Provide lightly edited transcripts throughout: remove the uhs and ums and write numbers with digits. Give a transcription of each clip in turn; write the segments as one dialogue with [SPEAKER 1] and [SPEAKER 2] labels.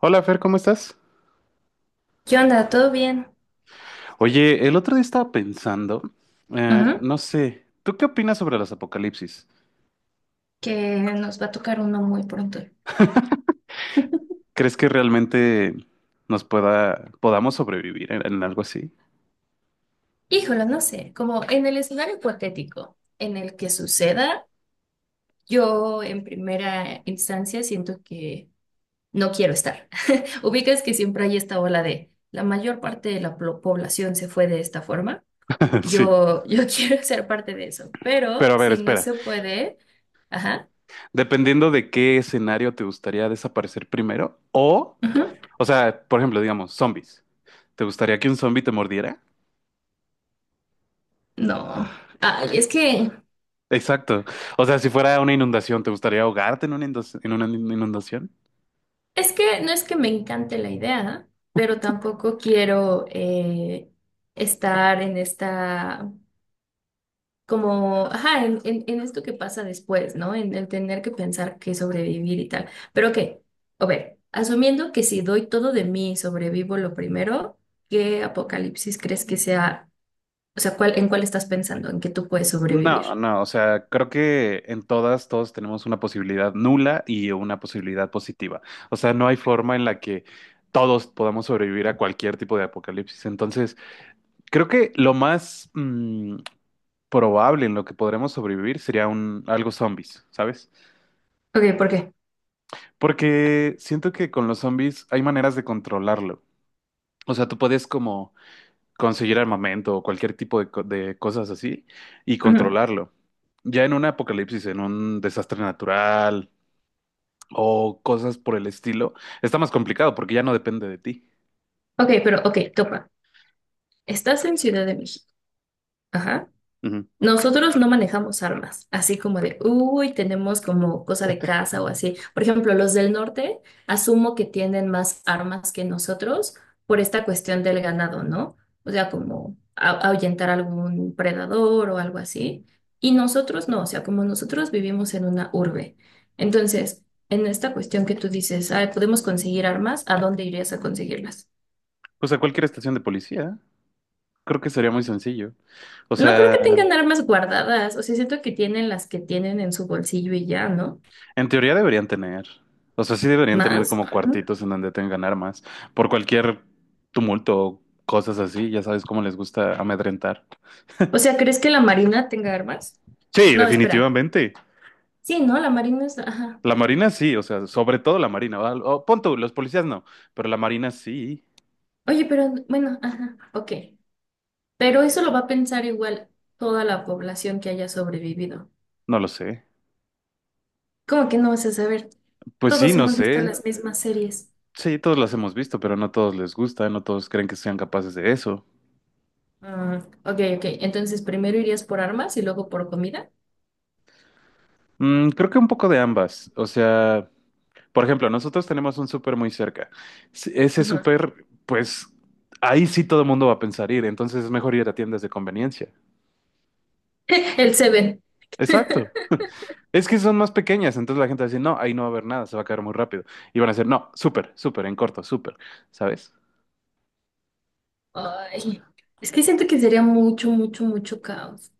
[SPEAKER 1] Hola Fer, ¿cómo estás?
[SPEAKER 2] ¿Qué onda? ¿Todo bien?
[SPEAKER 1] Oye, el otro día estaba pensando,
[SPEAKER 2] Ujú.
[SPEAKER 1] no sé, ¿tú qué opinas sobre los apocalipsis?
[SPEAKER 2] Que nos va a tocar uno muy pronto.
[SPEAKER 1] ¿Crees que realmente podamos sobrevivir en algo así?
[SPEAKER 2] Híjole, no sé, como en el escenario hipotético en el que suceda, yo en primera instancia siento que no quiero estar. Ubicas que siempre hay esta ola de la mayor parte de la población se fue de esta forma.
[SPEAKER 1] Sí.
[SPEAKER 2] Yo quiero ser parte de eso, pero
[SPEAKER 1] Pero a ver,
[SPEAKER 2] si no
[SPEAKER 1] espera,
[SPEAKER 2] se puede, ajá,
[SPEAKER 1] dependiendo de qué escenario te gustaría desaparecer primero,
[SPEAKER 2] ujú,
[SPEAKER 1] o sea, por ejemplo, digamos, zombies. ¿Te gustaría que un zombie te mordiera?
[SPEAKER 2] no. Ay, es que...
[SPEAKER 1] Exacto. O sea, si fuera una inundación, ¿te gustaría ahogarte en una en una inundación?
[SPEAKER 2] Es que no es que me encante la idea, pero tampoco quiero estar en esta, como, ajá, en esto que pasa después, ¿no? En el tener que pensar que sobrevivir y tal. Pero que, a ver, asumiendo que si doy todo de mí y sobrevivo lo primero, ¿qué apocalipsis crees que sea? O sea, ¿cuál, en cuál estás pensando? ¿En qué tú puedes
[SPEAKER 1] No,
[SPEAKER 2] sobrevivir?
[SPEAKER 1] no, o sea, creo que en todas, todos tenemos una posibilidad nula y una posibilidad positiva. O sea, no hay forma en la que todos podamos sobrevivir a cualquier tipo de apocalipsis. Entonces, creo que lo más probable en lo que podremos sobrevivir sería un algo zombies, ¿sabes?
[SPEAKER 2] Ok, ¿por qué?
[SPEAKER 1] Porque siento que con los zombies hay maneras de controlarlo. O sea, tú puedes como conseguir armamento o cualquier tipo de cosas así y
[SPEAKER 2] Ujú.
[SPEAKER 1] controlarlo. Ya en un apocalipsis, en un desastre natural o cosas por el estilo, está más complicado porque ya no depende de ti.
[SPEAKER 2] Ok, pero, ok, topa. Estás en Ciudad de México. Ajá.
[SPEAKER 1] Ujú.
[SPEAKER 2] Nosotros no manejamos armas, así como de, uy, tenemos como cosa de casa o así. Por ejemplo, los del norte asumo que tienen más armas que nosotros por esta cuestión del ganado, ¿no? O sea, como ahuyentar algún predador o algo así. Y nosotros no, o sea, como nosotros vivimos en una urbe. Entonces, en esta cuestión que tú dices: "Ay, podemos conseguir armas, ¿a dónde irías a conseguirlas?".
[SPEAKER 1] Pues a cualquier estación de policía, creo que sería muy sencillo. O
[SPEAKER 2] No creo
[SPEAKER 1] sea,
[SPEAKER 2] que tengan armas guardadas, o sea, siento que tienen las que tienen en su bolsillo y ya, ¿no?
[SPEAKER 1] en teoría deberían tener, o sea, sí deberían tener
[SPEAKER 2] ¿Más?
[SPEAKER 1] como
[SPEAKER 2] Ajá.
[SPEAKER 1] cuartitos en donde tengan armas por cualquier tumulto o cosas así, ya sabes cómo les gusta amedrentar.
[SPEAKER 2] O sea, ¿crees que la Marina tenga armas?
[SPEAKER 1] Sí,
[SPEAKER 2] No, espera.
[SPEAKER 1] definitivamente.
[SPEAKER 2] Sí, ¿no? La Marina es... Ajá.
[SPEAKER 1] La marina sí, o sea, sobre todo la marina. ¿Va? O, pon tú, los policías no, pero la marina sí,
[SPEAKER 2] Oye, pero bueno, ajá, ok. Pero eso lo va a pensar igual toda la población que haya sobrevivido.
[SPEAKER 1] no lo sé.
[SPEAKER 2] ¿Cómo que no vas a saber?
[SPEAKER 1] Pues sí,
[SPEAKER 2] Todos
[SPEAKER 1] no
[SPEAKER 2] hemos visto
[SPEAKER 1] sé.
[SPEAKER 2] las mismas series.
[SPEAKER 1] Sí, todos las hemos visto, pero no todos les gusta, no todos creen que sean capaces de eso.
[SPEAKER 2] Mm, ok, ok. Entonces, primero irías por armas y luego por comida.
[SPEAKER 1] Mm, creo que un poco de ambas. O sea, por ejemplo, nosotros tenemos un súper muy cerca. Ese
[SPEAKER 2] Ajá.
[SPEAKER 1] súper, pues ahí sí todo el mundo va a pensar ir, entonces es mejor ir a tiendas de conveniencia.
[SPEAKER 2] El Seven.
[SPEAKER 1] Exacto. Es que son más pequeñas, entonces la gente va a decir, no, ahí no va a haber nada, se va a caer muy rápido. Y van a decir, no, súper, súper, en corto, súper, ¿sabes?
[SPEAKER 2] Ay, es que siento que sería mucho, mucho, mucho caos.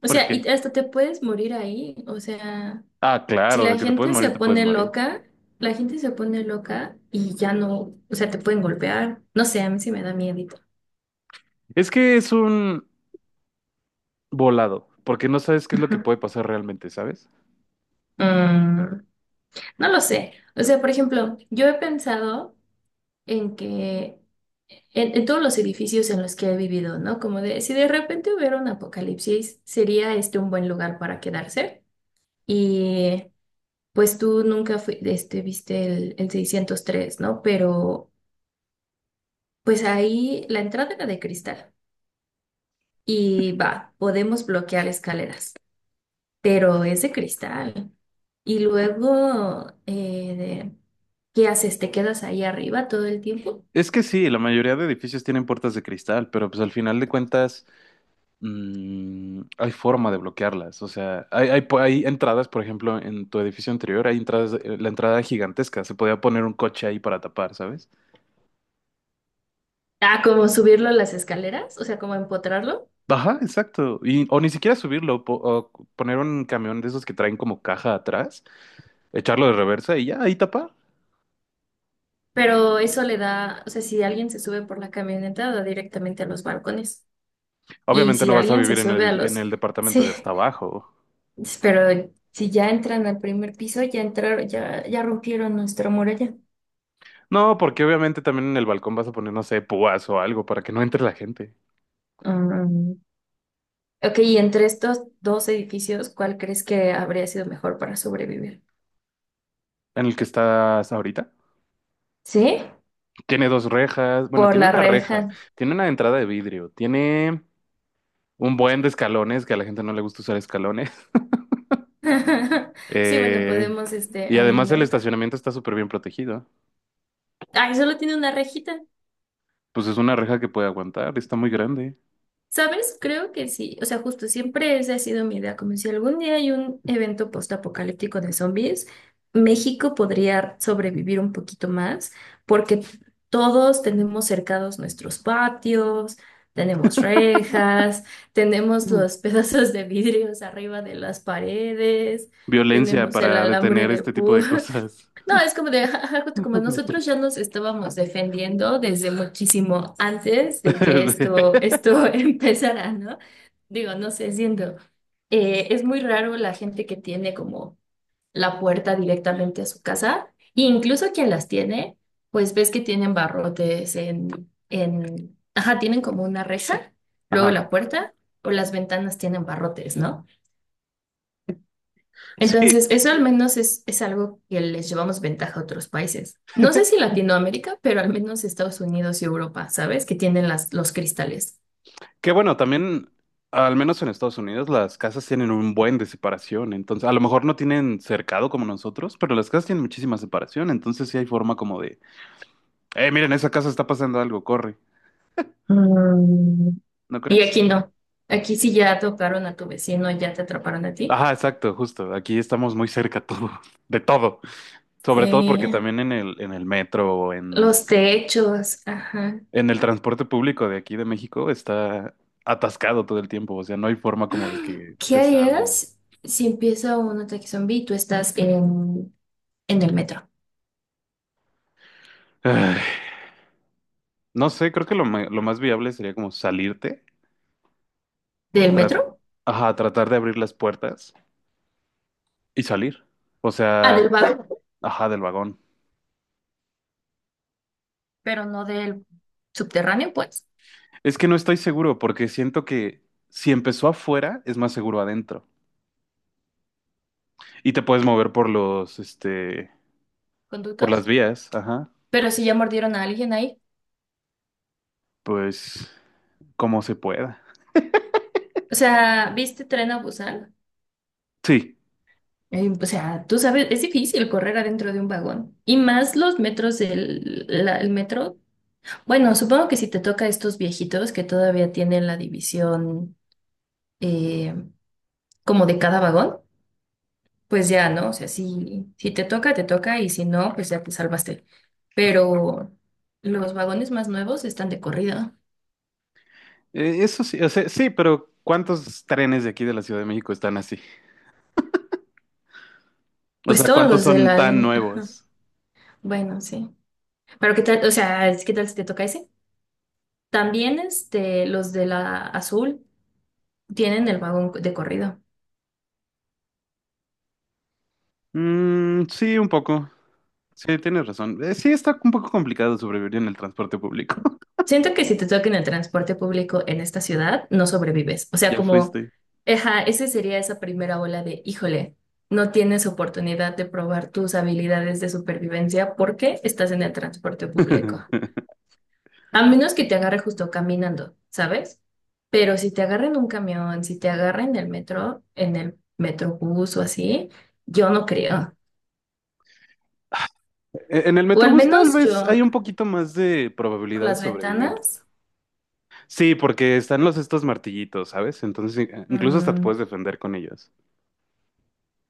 [SPEAKER 2] O sea,
[SPEAKER 1] Porque,
[SPEAKER 2] y hasta te puedes morir ahí. O sea...
[SPEAKER 1] ah,
[SPEAKER 2] Si
[SPEAKER 1] claro, de
[SPEAKER 2] la
[SPEAKER 1] que te puedes
[SPEAKER 2] gente se
[SPEAKER 1] morir, te puedes
[SPEAKER 2] pone
[SPEAKER 1] morir.
[SPEAKER 2] loca, la gente se pone loca y ya no, o sea, te pueden golpear. No sé, a mí sí me da miedito.
[SPEAKER 1] Es que es un volado, porque no sabes qué es lo que
[SPEAKER 2] Ujú.
[SPEAKER 1] puede pasar realmente, ¿sabes?
[SPEAKER 2] Mm, no lo sé. O sea, por ejemplo, yo he pensado en que en todos los edificios en los que he vivido, ¿no? Como de, si de repente hubiera un apocalipsis, sería este un buen lugar para quedarse. Y pues tú nunca fui, este, viste el 603, ¿no? Pero pues ahí la entrada era de cristal. Y va, podemos bloquear escaleras, pero es de cristal. Y luego, de- ¿qué haces? ¿Te quedas ahí arriba todo el tiempo?
[SPEAKER 1] Es que sí, la mayoría de edificios tienen puertas de cristal, pero pues al final de cuentas hay forma de bloquearlas. O sea, hay entradas, por ejemplo, en tu edificio anterior, hay entradas, la entrada gigantesca, se podía poner un coche ahí para tapar, ¿sabes?
[SPEAKER 2] Ah, como subirlo a las escaleras, o sea, como empotrarlo.
[SPEAKER 1] Ajá, exacto. Y, o ni siquiera subirlo, o poner un camión de esos que traen como caja atrás, echarlo de reversa y ya, ahí tapar.
[SPEAKER 2] Pero eso le da, o sea, si alguien se sube por la camioneta, da directamente a los balcones. Y
[SPEAKER 1] Obviamente
[SPEAKER 2] si
[SPEAKER 1] no vas a
[SPEAKER 2] alguien se
[SPEAKER 1] vivir en
[SPEAKER 2] sube a
[SPEAKER 1] en
[SPEAKER 2] los,
[SPEAKER 1] el departamento
[SPEAKER 2] sí,
[SPEAKER 1] de hasta abajo.
[SPEAKER 2] pero si ya entran al primer piso, ya entraron, ya rompieron nuestra muralla.
[SPEAKER 1] No, porque obviamente también en el balcón vas a poner, no sé, púas o algo para que no entre la gente.
[SPEAKER 2] Ok, y entre estos dos edificios, ¿cuál crees que habría sido mejor para sobrevivir?
[SPEAKER 1] En el que estás ahorita.
[SPEAKER 2] ¿Sí?
[SPEAKER 1] Tiene dos rejas, bueno,
[SPEAKER 2] Por
[SPEAKER 1] tiene
[SPEAKER 2] la
[SPEAKER 1] una reja,
[SPEAKER 2] reja.
[SPEAKER 1] tiene una entrada de vidrio, tiene un buen de escalones, que a la gente no le gusta usar escalones.
[SPEAKER 2] Sí, bueno,
[SPEAKER 1] Eh,
[SPEAKER 2] podemos, este,
[SPEAKER 1] y
[SPEAKER 2] ahí,
[SPEAKER 1] además el
[SPEAKER 2] ¿no?
[SPEAKER 1] estacionamiento está súper bien protegido.
[SPEAKER 2] Ay, solo tiene una rejita.
[SPEAKER 1] Pues es una reja que puede aguantar, está muy grande.
[SPEAKER 2] ¿Sabes? Creo que sí. O sea, justo siempre esa ha sido mi idea, como si algún día hay un evento postapocalíptico de zombies, México podría sobrevivir un poquito más, porque todos tenemos cercados nuestros patios, tenemos rejas, tenemos
[SPEAKER 1] Ujú.
[SPEAKER 2] los pedazos de vidrios arriba de las paredes,
[SPEAKER 1] Violencia
[SPEAKER 2] tenemos el
[SPEAKER 1] para
[SPEAKER 2] alambre
[SPEAKER 1] detener
[SPEAKER 2] de
[SPEAKER 1] este tipo de
[SPEAKER 2] púas.
[SPEAKER 1] cosas.
[SPEAKER 2] No, es como de, ja, ja, ja, justo como nosotros ya nos estábamos defendiendo desde muchísimo antes de que esto, esto empezara, ¿no? Digo, no sé, siento, es muy raro la gente que tiene como la puerta directamente a su casa, e incluso quien las tiene, pues ves que tienen barrotes en, ajá, tienen como una reja, luego
[SPEAKER 1] Ajá.
[SPEAKER 2] la puerta o las ventanas tienen barrotes, ¿no?
[SPEAKER 1] Sí,
[SPEAKER 2] Entonces, eso al menos es algo que les llevamos ventaja a otros países. No sé si Latinoamérica, pero al menos Estados Unidos y Europa, ¿sabes? Que tienen las, los cristales.
[SPEAKER 1] que bueno, también, al menos en Estados Unidos, las casas tienen un buen de separación. Entonces, a lo mejor no tienen cercado como nosotros, pero las casas tienen muchísima separación. Entonces, sí hay forma como de, miren, esa casa está pasando algo, corre.
[SPEAKER 2] Mm.
[SPEAKER 1] ¿No
[SPEAKER 2] Y
[SPEAKER 1] crees?
[SPEAKER 2] aquí no. Aquí sí ya tocaron a tu vecino, ya te atraparon a ti.
[SPEAKER 1] Ajá, exacto, justo. Aquí estamos muy cerca todo, de todo. Sobre todo porque
[SPEAKER 2] Sí.
[SPEAKER 1] también en en el metro o
[SPEAKER 2] Los techos, ajá.
[SPEAKER 1] en el transporte público de aquí de México está atascado todo el tiempo. O sea, no hay forma como de que
[SPEAKER 2] ¿Qué
[SPEAKER 1] te salves.
[SPEAKER 2] harías si empieza un ataque zombie y tú estás en el metro?
[SPEAKER 1] Ay, no sé, creo que lo más viable sería como salirte.
[SPEAKER 2] ¿Del metro?
[SPEAKER 1] Ajá, tratar de abrir las puertas y salir. O
[SPEAKER 2] Ah,
[SPEAKER 1] sea,
[SPEAKER 2] del vago,
[SPEAKER 1] ajá, del vagón.
[SPEAKER 2] pero no del subterráneo, pues,
[SPEAKER 1] Es que no estoy seguro porque siento que si empezó afuera es más seguro adentro. Y te puedes mover por los, este, por las
[SPEAKER 2] conductos.
[SPEAKER 1] vías, ajá.
[SPEAKER 2] Pero sí ya mordieron a alguien ahí.
[SPEAKER 1] Pues como se pueda.
[SPEAKER 2] O sea, ¿viste Tren a Busan?
[SPEAKER 1] Sí,
[SPEAKER 2] O sea, tú sabes, es difícil correr adentro de un vagón. Y más los metros el metro. Bueno, supongo que si te toca estos viejitos que todavía tienen la división eh, como de cada vagón, pues ya, ¿no? O sea, si, si te toca, te toca, y si no, pues ya te salvaste. Pero los vagones más nuevos están de corrida.
[SPEAKER 1] eso sí, o sea, sí, pero ¿cuántos trenes de aquí de la Ciudad de México están así? O
[SPEAKER 2] Pues
[SPEAKER 1] sea,
[SPEAKER 2] todos
[SPEAKER 1] ¿cuántos
[SPEAKER 2] los de
[SPEAKER 1] son
[SPEAKER 2] la
[SPEAKER 1] tan
[SPEAKER 2] línea.
[SPEAKER 1] nuevos?
[SPEAKER 2] Bueno, sí. Pero qué tal, o sea, ¿qué tal si te toca ese? También este, los de la azul tienen el vagón de corrido.
[SPEAKER 1] Mm, sí, un poco. Sí, tienes razón. Sí, está un poco complicado sobrevivir en el transporte público.
[SPEAKER 2] Siento que si te toca en el transporte público en esta ciudad, no sobrevives. O sea,
[SPEAKER 1] Ya
[SPEAKER 2] como,
[SPEAKER 1] fuiste.
[SPEAKER 2] eja, ese sería esa primera ola de, híjole, no tienes oportunidad de probar tus habilidades de supervivencia porque estás en el transporte público. A menos que te agarre justo caminando, ¿sabes? Pero si te agarra en un camión, si te agarra en el metro, en el metrobús o así, yo no creo.
[SPEAKER 1] En el
[SPEAKER 2] O al
[SPEAKER 1] Metrobús tal
[SPEAKER 2] menos
[SPEAKER 1] vez
[SPEAKER 2] yo
[SPEAKER 1] hay un poquito más de
[SPEAKER 2] por
[SPEAKER 1] probabilidad de
[SPEAKER 2] las
[SPEAKER 1] sobrevivir.
[SPEAKER 2] ventanas.
[SPEAKER 1] Sí, porque están los estos martillitos, ¿sabes? Entonces incluso hasta te
[SPEAKER 2] mm,
[SPEAKER 1] puedes defender con ellos.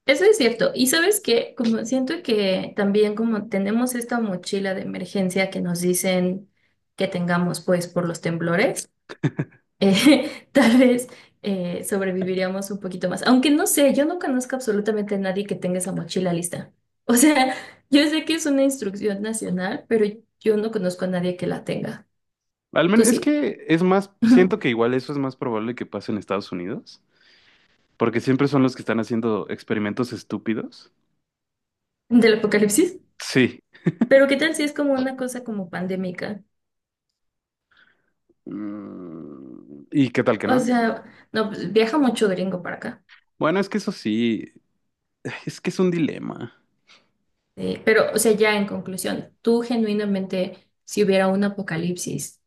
[SPEAKER 2] Eso es cierto. Y sabes que como siento que también como tenemos esta mochila de emergencia que nos dicen que tengamos pues por los temblores. Tal vez sobreviviríamos un poquito más. Aunque no sé, yo no conozco absolutamente a nadie que tenga esa mochila lista. O sea, yo sé que es una instrucción nacional, pero yo no conozco a nadie que la tenga.
[SPEAKER 1] Al
[SPEAKER 2] ¿Tú
[SPEAKER 1] menos es
[SPEAKER 2] sí?
[SPEAKER 1] que es más, siento que igual eso es más probable que pase en Estados Unidos, porque siempre son los que están haciendo experimentos estúpidos.
[SPEAKER 2] ¿Del apocalipsis?
[SPEAKER 1] Sí.
[SPEAKER 2] Pero ¿qué tal si es como una cosa como pandémica?
[SPEAKER 1] Mm, ¿y qué tal que
[SPEAKER 2] O
[SPEAKER 1] no?
[SPEAKER 2] sea, no, pues, viaja mucho gringo para acá.
[SPEAKER 1] Bueno, es que eso sí, es que es un dilema.
[SPEAKER 2] Pero, o sea, ya en conclusión, tú genuinamente, si hubiera un apocalipsis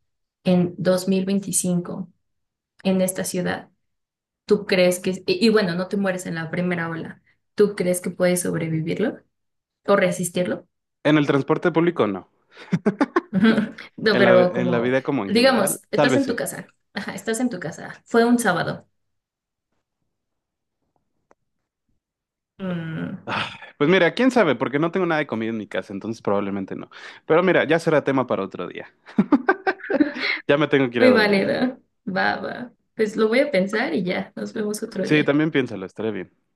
[SPEAKER 2] en 2025 en esta ciudad, ¿tú crees que, y bueno, no te mueres en la primera ola, ¿tú crees que puedes sobrevivirlo o resistirlo?
[SPEAKER 1] En el transporte público no.
[SPEAKER 2] Ujú. No,
[SPEAKER 1] En
[SPEAKER 2] pero
[SPEAKER 1] en la
[SPEAKER 2] como,
[SPEAKER 1] vida como en general,
[SPEAKER 2] digamos,
[SPEAKER 1] tal
[SPEAKER 2] estás
[SPEAKER 1] vez
[SPEAKER 2] en tu
[SPEAKER 1] sí.
[SPEAKER 2] casa, ajá, estás en tu casa, fue un sábado. Mm,
[SPEAKER 1] Ah, pues mira, quién sabe, porque no tengo nada de comida en mi casa, entonces probablemente no. Pero mira, ya será tema para otro día. Ya me tengo que ir a
[SPEAKER 2] muy
[SPEAKER 1] dormir.
[SPEAKER 2] válido, va, va. Pues lo voy a pensar y ya, nos vemos otro
[SPEAKER 1] Sí,
[SPEAKER 2] día.
[SPEAKER 1] también piénsalo, estaré bien.